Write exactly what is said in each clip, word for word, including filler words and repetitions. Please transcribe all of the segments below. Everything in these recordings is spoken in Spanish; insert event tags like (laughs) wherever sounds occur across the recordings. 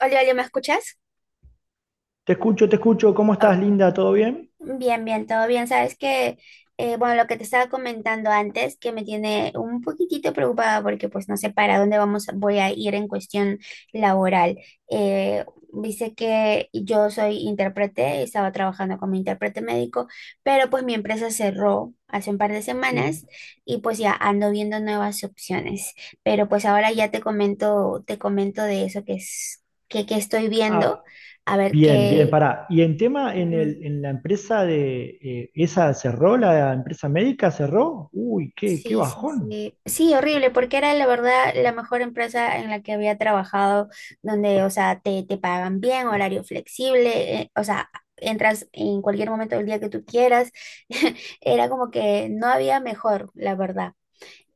Hola, Olio, ¿me escuchas? Te escucho, te escucho. ¿Cómo Oh, estás, Linda? ¿Todo bien? bien, bien, todo bien. Sabes que, eh, bueno, lo que te estaba comentando antes, que me tiene un poquitito preocupada porque pues no sé para dónde vamos, voy a ir en cuestión laboral. Eh, dice que yo soy intérprete, estaba trabajando como intérprete médico, pero pues mi empresa cerró hace un par de semanas Sí. y pues ya ando viendo nuevas opciones. Pero pues ahora ya te comento, te comento de eso que es, que, que estoy viendo, Ah, a ver Bien, bien, qué. pará. Y en tema, en Ujú. el, en la empresa de, eh, esa cerró, la empresa médica cerró. Uy, qué, qué Sí, sí, bajón. sí. Sí, horrible, porque era la verdad la mejor empresa en la que había trabajado, donde, o sea, te, te pagan bien, horario flexible, eh, o sea, entras en cualquier momento del día que tú quieras. (laughs) Era como que no había mejor, la verdad.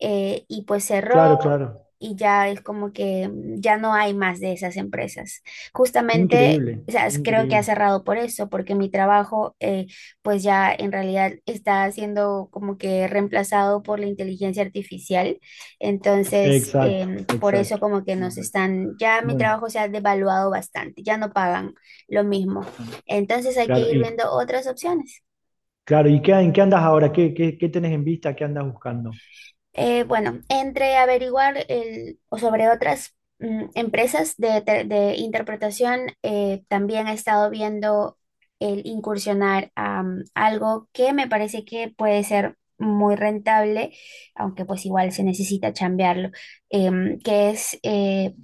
Eh, y pues cerró Claro, claro. y ya es como que mm, ya no hay más de esas empresas. Justamente, Increíble, o sea, es- creo que ha increíble. cerrado por eso, porque mi trabajo eh, pues ya en realidad está siendo como que reemplazado por la inteligencia artificial. Entonces, Exacto, em, por eso exacto, como que nos exacto. están, ya mi Bueno, trabajo se ha devaluado bastante, ya no pagan lo mismo. bueno, Entonces hay que claro. ir Y viendo otras opciones. claro, ¿y qué, en qué andas ahora? ¿Qué, qué, qué tenés en vista? ¿Qué andas buscando? Eh, bueno, entre averiguar el- o sobre otras mm, empresas de, te- de interpretación, eh, también he estado viendo el incursionar a mm, algo que me parece que puede ser muy rentable, aunque pues igual se necesita chambearlo, em, que es eh,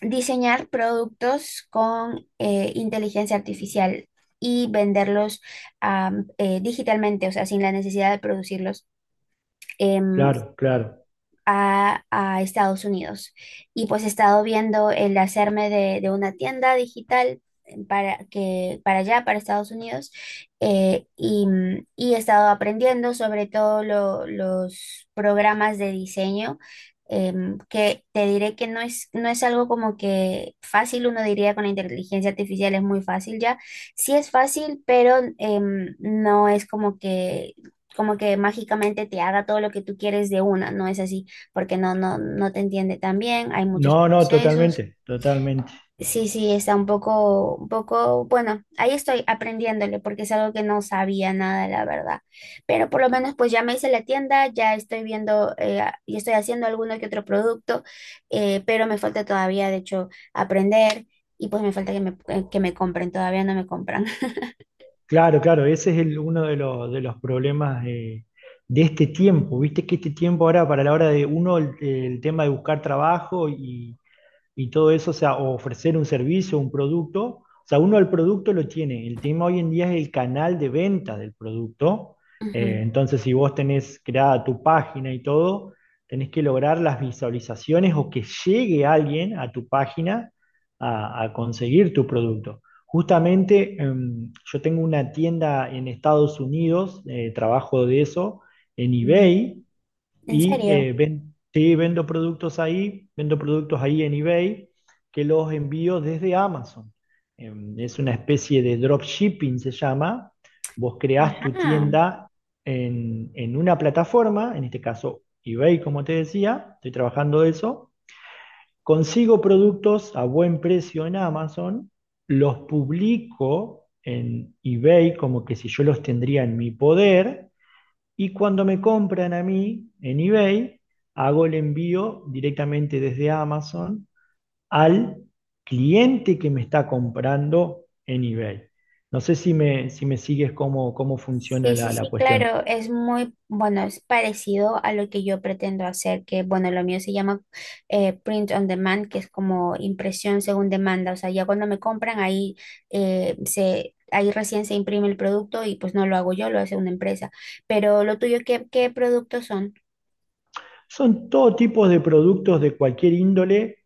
diseñar productos con eh, inteligencia artificial y venderlos am, eh, digitalmente, o sea, sin la necesidad de producirlos. em, Claro, claro. a, a Estados Unidos. Y pues he estado viendo el hacerme de, de una tienda digital para, que, para allá, para Estados Unidos, eh, y, y he estado aprendiendo sobre todo lo- los programas de diseño. Em, que te diré que no es, no es algo como que fácil, uno diría con la inteligencia artificial es muy fácil ya, sí es fácil, pero em, no es como que, como que mágicamente te haga todo lo que tú quieres de una, no es así porque no, no, no te entiende tan bien, hay muchos No, no, procesos. totalmente, totalmente. Sí, sí, está un poco, un poco, bueno, ahí estoy aprendiéndole porque es algo que no sabía nada, la verdad. Pero por lo menos pues ya me hice la tienda, ya estoy viendo eh, a- y estoy haciendo alguno que otro producto, eh, pero me falta todavía, de hecho, aprender y pues me falta que me, eh, que me compren, todavía no me compran. Claro, claro, ese es el- uno de los, de los problemas eh, de este tiempo. Viste que este tiempo ahora, para la hora de uno, el, el tema de buscar trabajo y, y todo eso, o sea, o ofrecer un servicio, un producto. O sea, uno el producto lo tiene. El tema hoy en día es el canal de venta del producto. (laughs) Eh, Ujú. Entonces, si vos tenés creada tu página y todo, tenés que lograr las visualizaciones o que llegue alguien a tu página a, a conseguir tu producto. Justamente, eh, yo tengo una tienda en Estados Unidos, eh, trabajo de eso, en Mm. eBay, ¿En y serio? eh, ven- sí, vendo productos ahí, vendo productos ahí en eBay que los envío desde Amazon. Em, es una especie de dropshipping, se llama. Vos creás tu Ajá. tienda en, en una plataforma, en este caso eBay, como te decía, estoy trabajando de eso. Consigo productos a buen precio en Amazon, los publico en eBay como que si yo los tendría en mi poder y cuando me compran a mí en eBay, hago el envío directamente desde Amazon al cliente que me está comprando en eBay. No sé si me, si me sigues cómo, cómo funciona Sí, sí, la, la sí, cuestión. claro, es muy, bueno, es parecido a lo que yo pretendo hacer, que bueno, lo mío se llama eh, print on demand, que es como impresión según demanda, o sea, ya cuando me compran ahí eh, se, ahí recién se imprime el producto y pues no lo hago yo, lo hace una empresa. Pero lo tuyo, ¿qué, qué productos son? Son todo tipo de productos de cualquier índole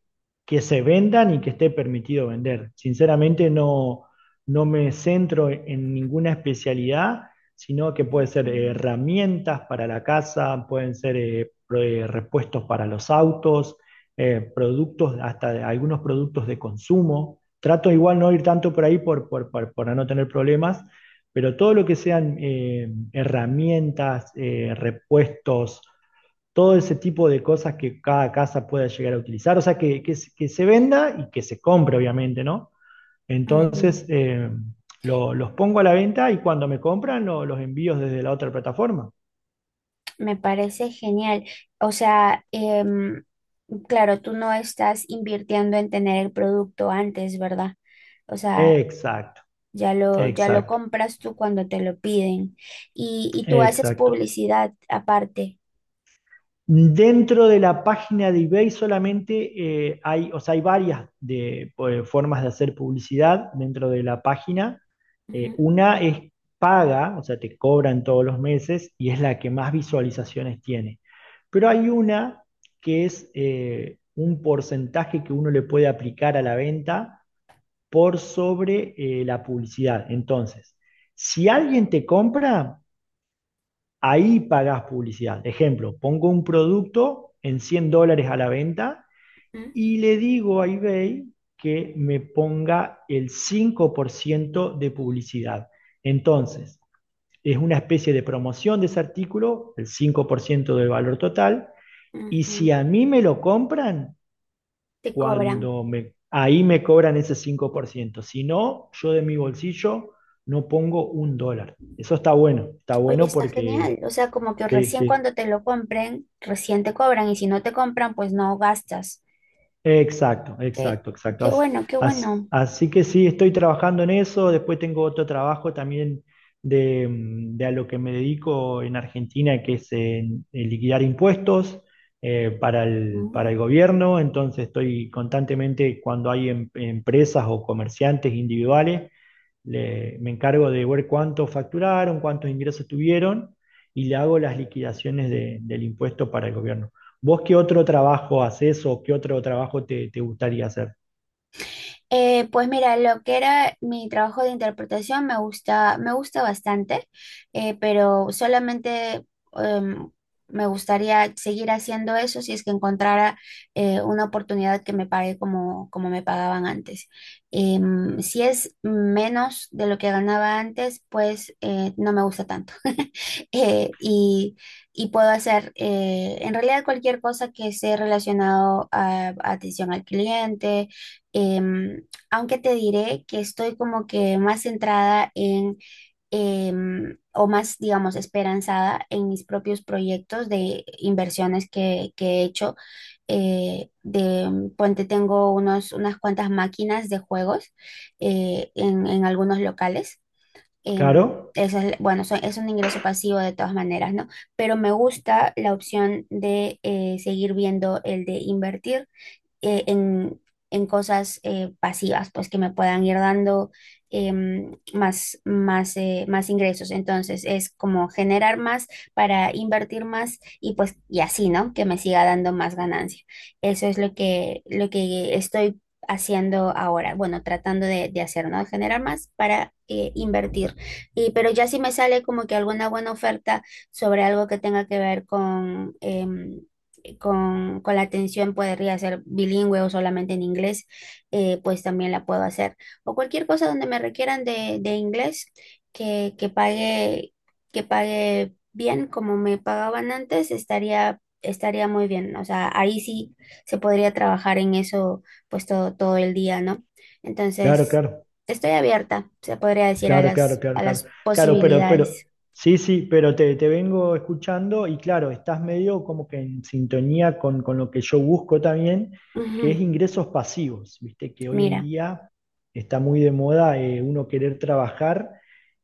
que se vendan y que esté permitido vender. Sinceramente no, no me centro en ninguna especialidad, sino que puede ser eh, herramientas para la casa, pueden ser eh, pro- eh, repuestos para los autos, eh, productos, hasta de- algunos productos de consumo. Trato igual no ir tanto por ahí por, por- por- para no tener problemas, pero todo lo que sean eh, herramientas, eh, repuestos, todo ese tipo de cosas que cada casa pueda llegar a utilizar, o sea, que, que, se- que se venda y que se compre, obviamente, ¿no? Ujú. Entonces, eh, lo- los pongo a la venta y cuando me compran lo- los envíos desde la otra plataforma. Me parece genial. O sea, em, claro, tú no estás invirtiendo en tener el producto antes, ¿verdad? O sea, Exacto, ya lo, ya lo exacto, compras tú cuando te lo piden. Y, y tú haces exacto. publicidad aparte. Dentro de la página de eBay solamente eh, hay, o sea, hay varias de, eh, formas de hacer publicidad dentro de la página. Eh, Ujú, Una es paga, o sea, te cobran todos los meses y es la que más visualizaciones tiene. Pero hay una que es eh, un porcentaje que uno le puede aplicar a la venta por sobre eh, la publicidad. Entonces, si alguien te compra, ahí pagás publicidad. Ejemplo, pongo un producto en cien dólares a la venta ujú, y le digo a eBay que me ponga el cinco por ciento de publicidad. Entonces, es una especie de promoción de ese artículo, el cinco por ciento del valor total, y si ujú. a mí me lo compran, Te cobran. cuando me, ahí me cobran ese cinco por ciento. Si no, yo de mi bolsillo no pongo un dólar. Eso está bueno, está Oye, bueno está genial. porque O sea, como que sí, recién sí. cuando te lo compren, recién te cobran. Y si no te compran, pues no gastas. Exacto, Qué, exacto, exacto. qué As- bueno, qué as- bueno. así que sí, estoy trabajando en eso. Después tengo otro trabajo también de, mm, de a lo que me dedico en Argentina, que es en, en liquidar impuestos eh, para el, para el gobierno. Entonces estoy constantemente cuando hay em- empresas o comerciantes individuales le- me encargo de ver cuánto facturaron, cuántos ingresos tuvieron y le hago las liquidaciones de- del impuesto para el gobierno. ¿Vos qué otro trabajo haces o qué otro trabajo te, te gustaría hacer? Eh, pues mira, lo que era mi trabajo de interpretación me gusta, me gusta bastante, eh, pero solamente em, me gustaría seguir haciendo eso si es que encontrara eh, una oportunidad que me pague como, como me pagaban antes. Em, si es menos de lo que ganaba antes, pues eh, no me gusta tanto. (laughs) eh, y, y, puedo hacer eh, en realidad cualquier cosa que esté relacionado a, a atención al cliente, em, aunque te diré que estoy como que más centrada en, em, o más, digamos, esperanzada en mis propios proyectos de inversiones que, que he hecho. eh, de, ponte, tengo unos, unas cuantas máquinas de juegos eh, en, en algunos locales. em, Claro, esa es, bueno, so- es un ingreso pasivo de todas maneras, ¿no? Pero me gusta la opción de eh, seguir viendo el de invertir eh, en, en cosas eh, pasivas, pues que me puedan ir dando em, más, más, eh, más ingresos. Entonces es como generar más para invertir más y pues y así, ¿no? Que me siga dando más ganancia. Eso es lo que, lo que estoy haciendo ahora, bueno, tratando de, de hacer, ¿no? Generar más para eh, invertir. Y, pero ya si me sale como que alguna buena oferta sobre algo que tenga que ver con, em, eh, con, con la atención podría ser bilingüe o solamente en inglés, eh, pues también la puedo hacer. O cualquier cosa donde me requieran de, de inglés que, que pague, que pague bien como me pagaban antes, estaría, estaría muy bien. O sea, ahí sí se podría trabajar en eso pues todo, todo el día, ¿no? claro, Entonces, claro. estoy abierta, se podría decir, a Claro, claro, las, claro, a claro. las Claro, pero, pero, posibilidades. sí, sí, pero te, te vengo escuchando y claro, estás medio como que en sintonía con, con lo que yo busco también, que Ujú. es ingresos pasivos, viste, que hoy en Mira, día está muy de moda eh, uno querer trabajar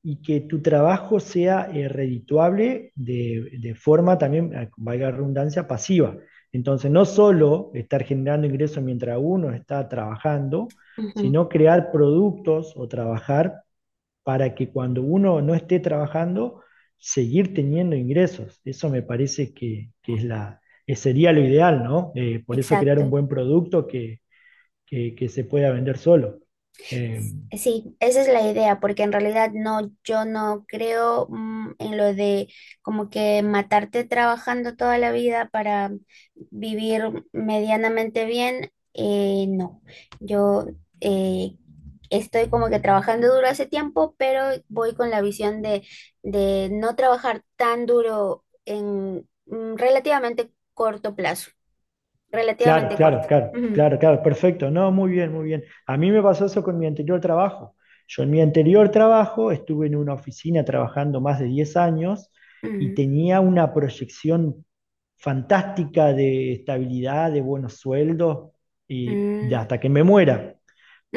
y que tu trabajo sea eh, redituable de, de forma también, eh, valga la redundancia, pasiva. Entonces, no solo estar generando ingresos mientras uno está trabajando, ujú, sino crear productos o trabajar para que cuando uno no esté trabajando, seguir teniendo ingresos. Eso me parece que, que es la, que sería lo ideal, ¿no? Eh, por eso crear un exacto. buen producto que, que- que se pueda vender solo. Eh, Sí, esa es la idea, porque en realidad no, yo no creo mm, en lo de como que matarte trabajando toda la vida para vivir medianamente bien. eh, no, yo eh, estoy como que trabajando duro hace tiempo, pero voy con la visión de, de no trabajar tan duro en mm, relativamente corto plazo, Claro, relativamente claro, corto. claro, Ujú, claro, claro, perfecto. No, muy bien, muy bien. A mí me pasó eso con mi anterior trabajo. Yo en mi anterior trabajo estuve en una oficina trabajando más de diez años y ujú, tenía una proyección fantástica de estabilidad, de buenos sueldos y de mm. hasta que me muera,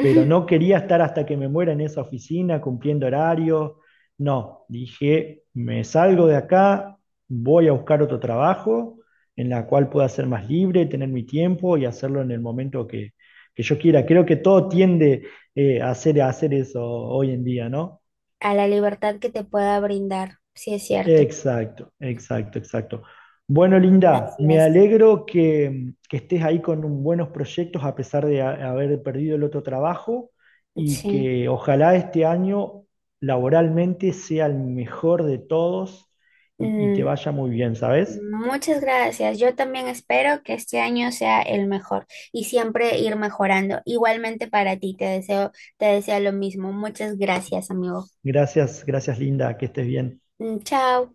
pero no quería estar hasta que me muera en esa oficina cumpliendo horarios. No, dije, me salgo de acá, voy a buscar otro trabajo en la cual pueda ser más libre, tener mi tiempo y hacerlo en el momento que, que yo quiera. Creo que todo tiende eh, a, hacer, a hacer eso hoy en día, ¿no? A la libertad que te pueda brindar, sí es cierto, Exacto, exacto, exacto. Bueno, y Linda, así me es. alegro que, que estés ahí con un- buenos proyectos a pesar de ha- haber perdido el otro trabajo y Sí. que ojalá este año laboralmente sea el mejor de todos y, y te Mm, vaya muy bien, ¿sabes? muchas gracias. Yo también espero que este año sea el mejor y siempre ir mejorando. Igualmente para ti, te deseo, te deseo lo mismo. Muchas gracias, amigo. Gracias, gracias, Linda, que estés bien. Mm, chao.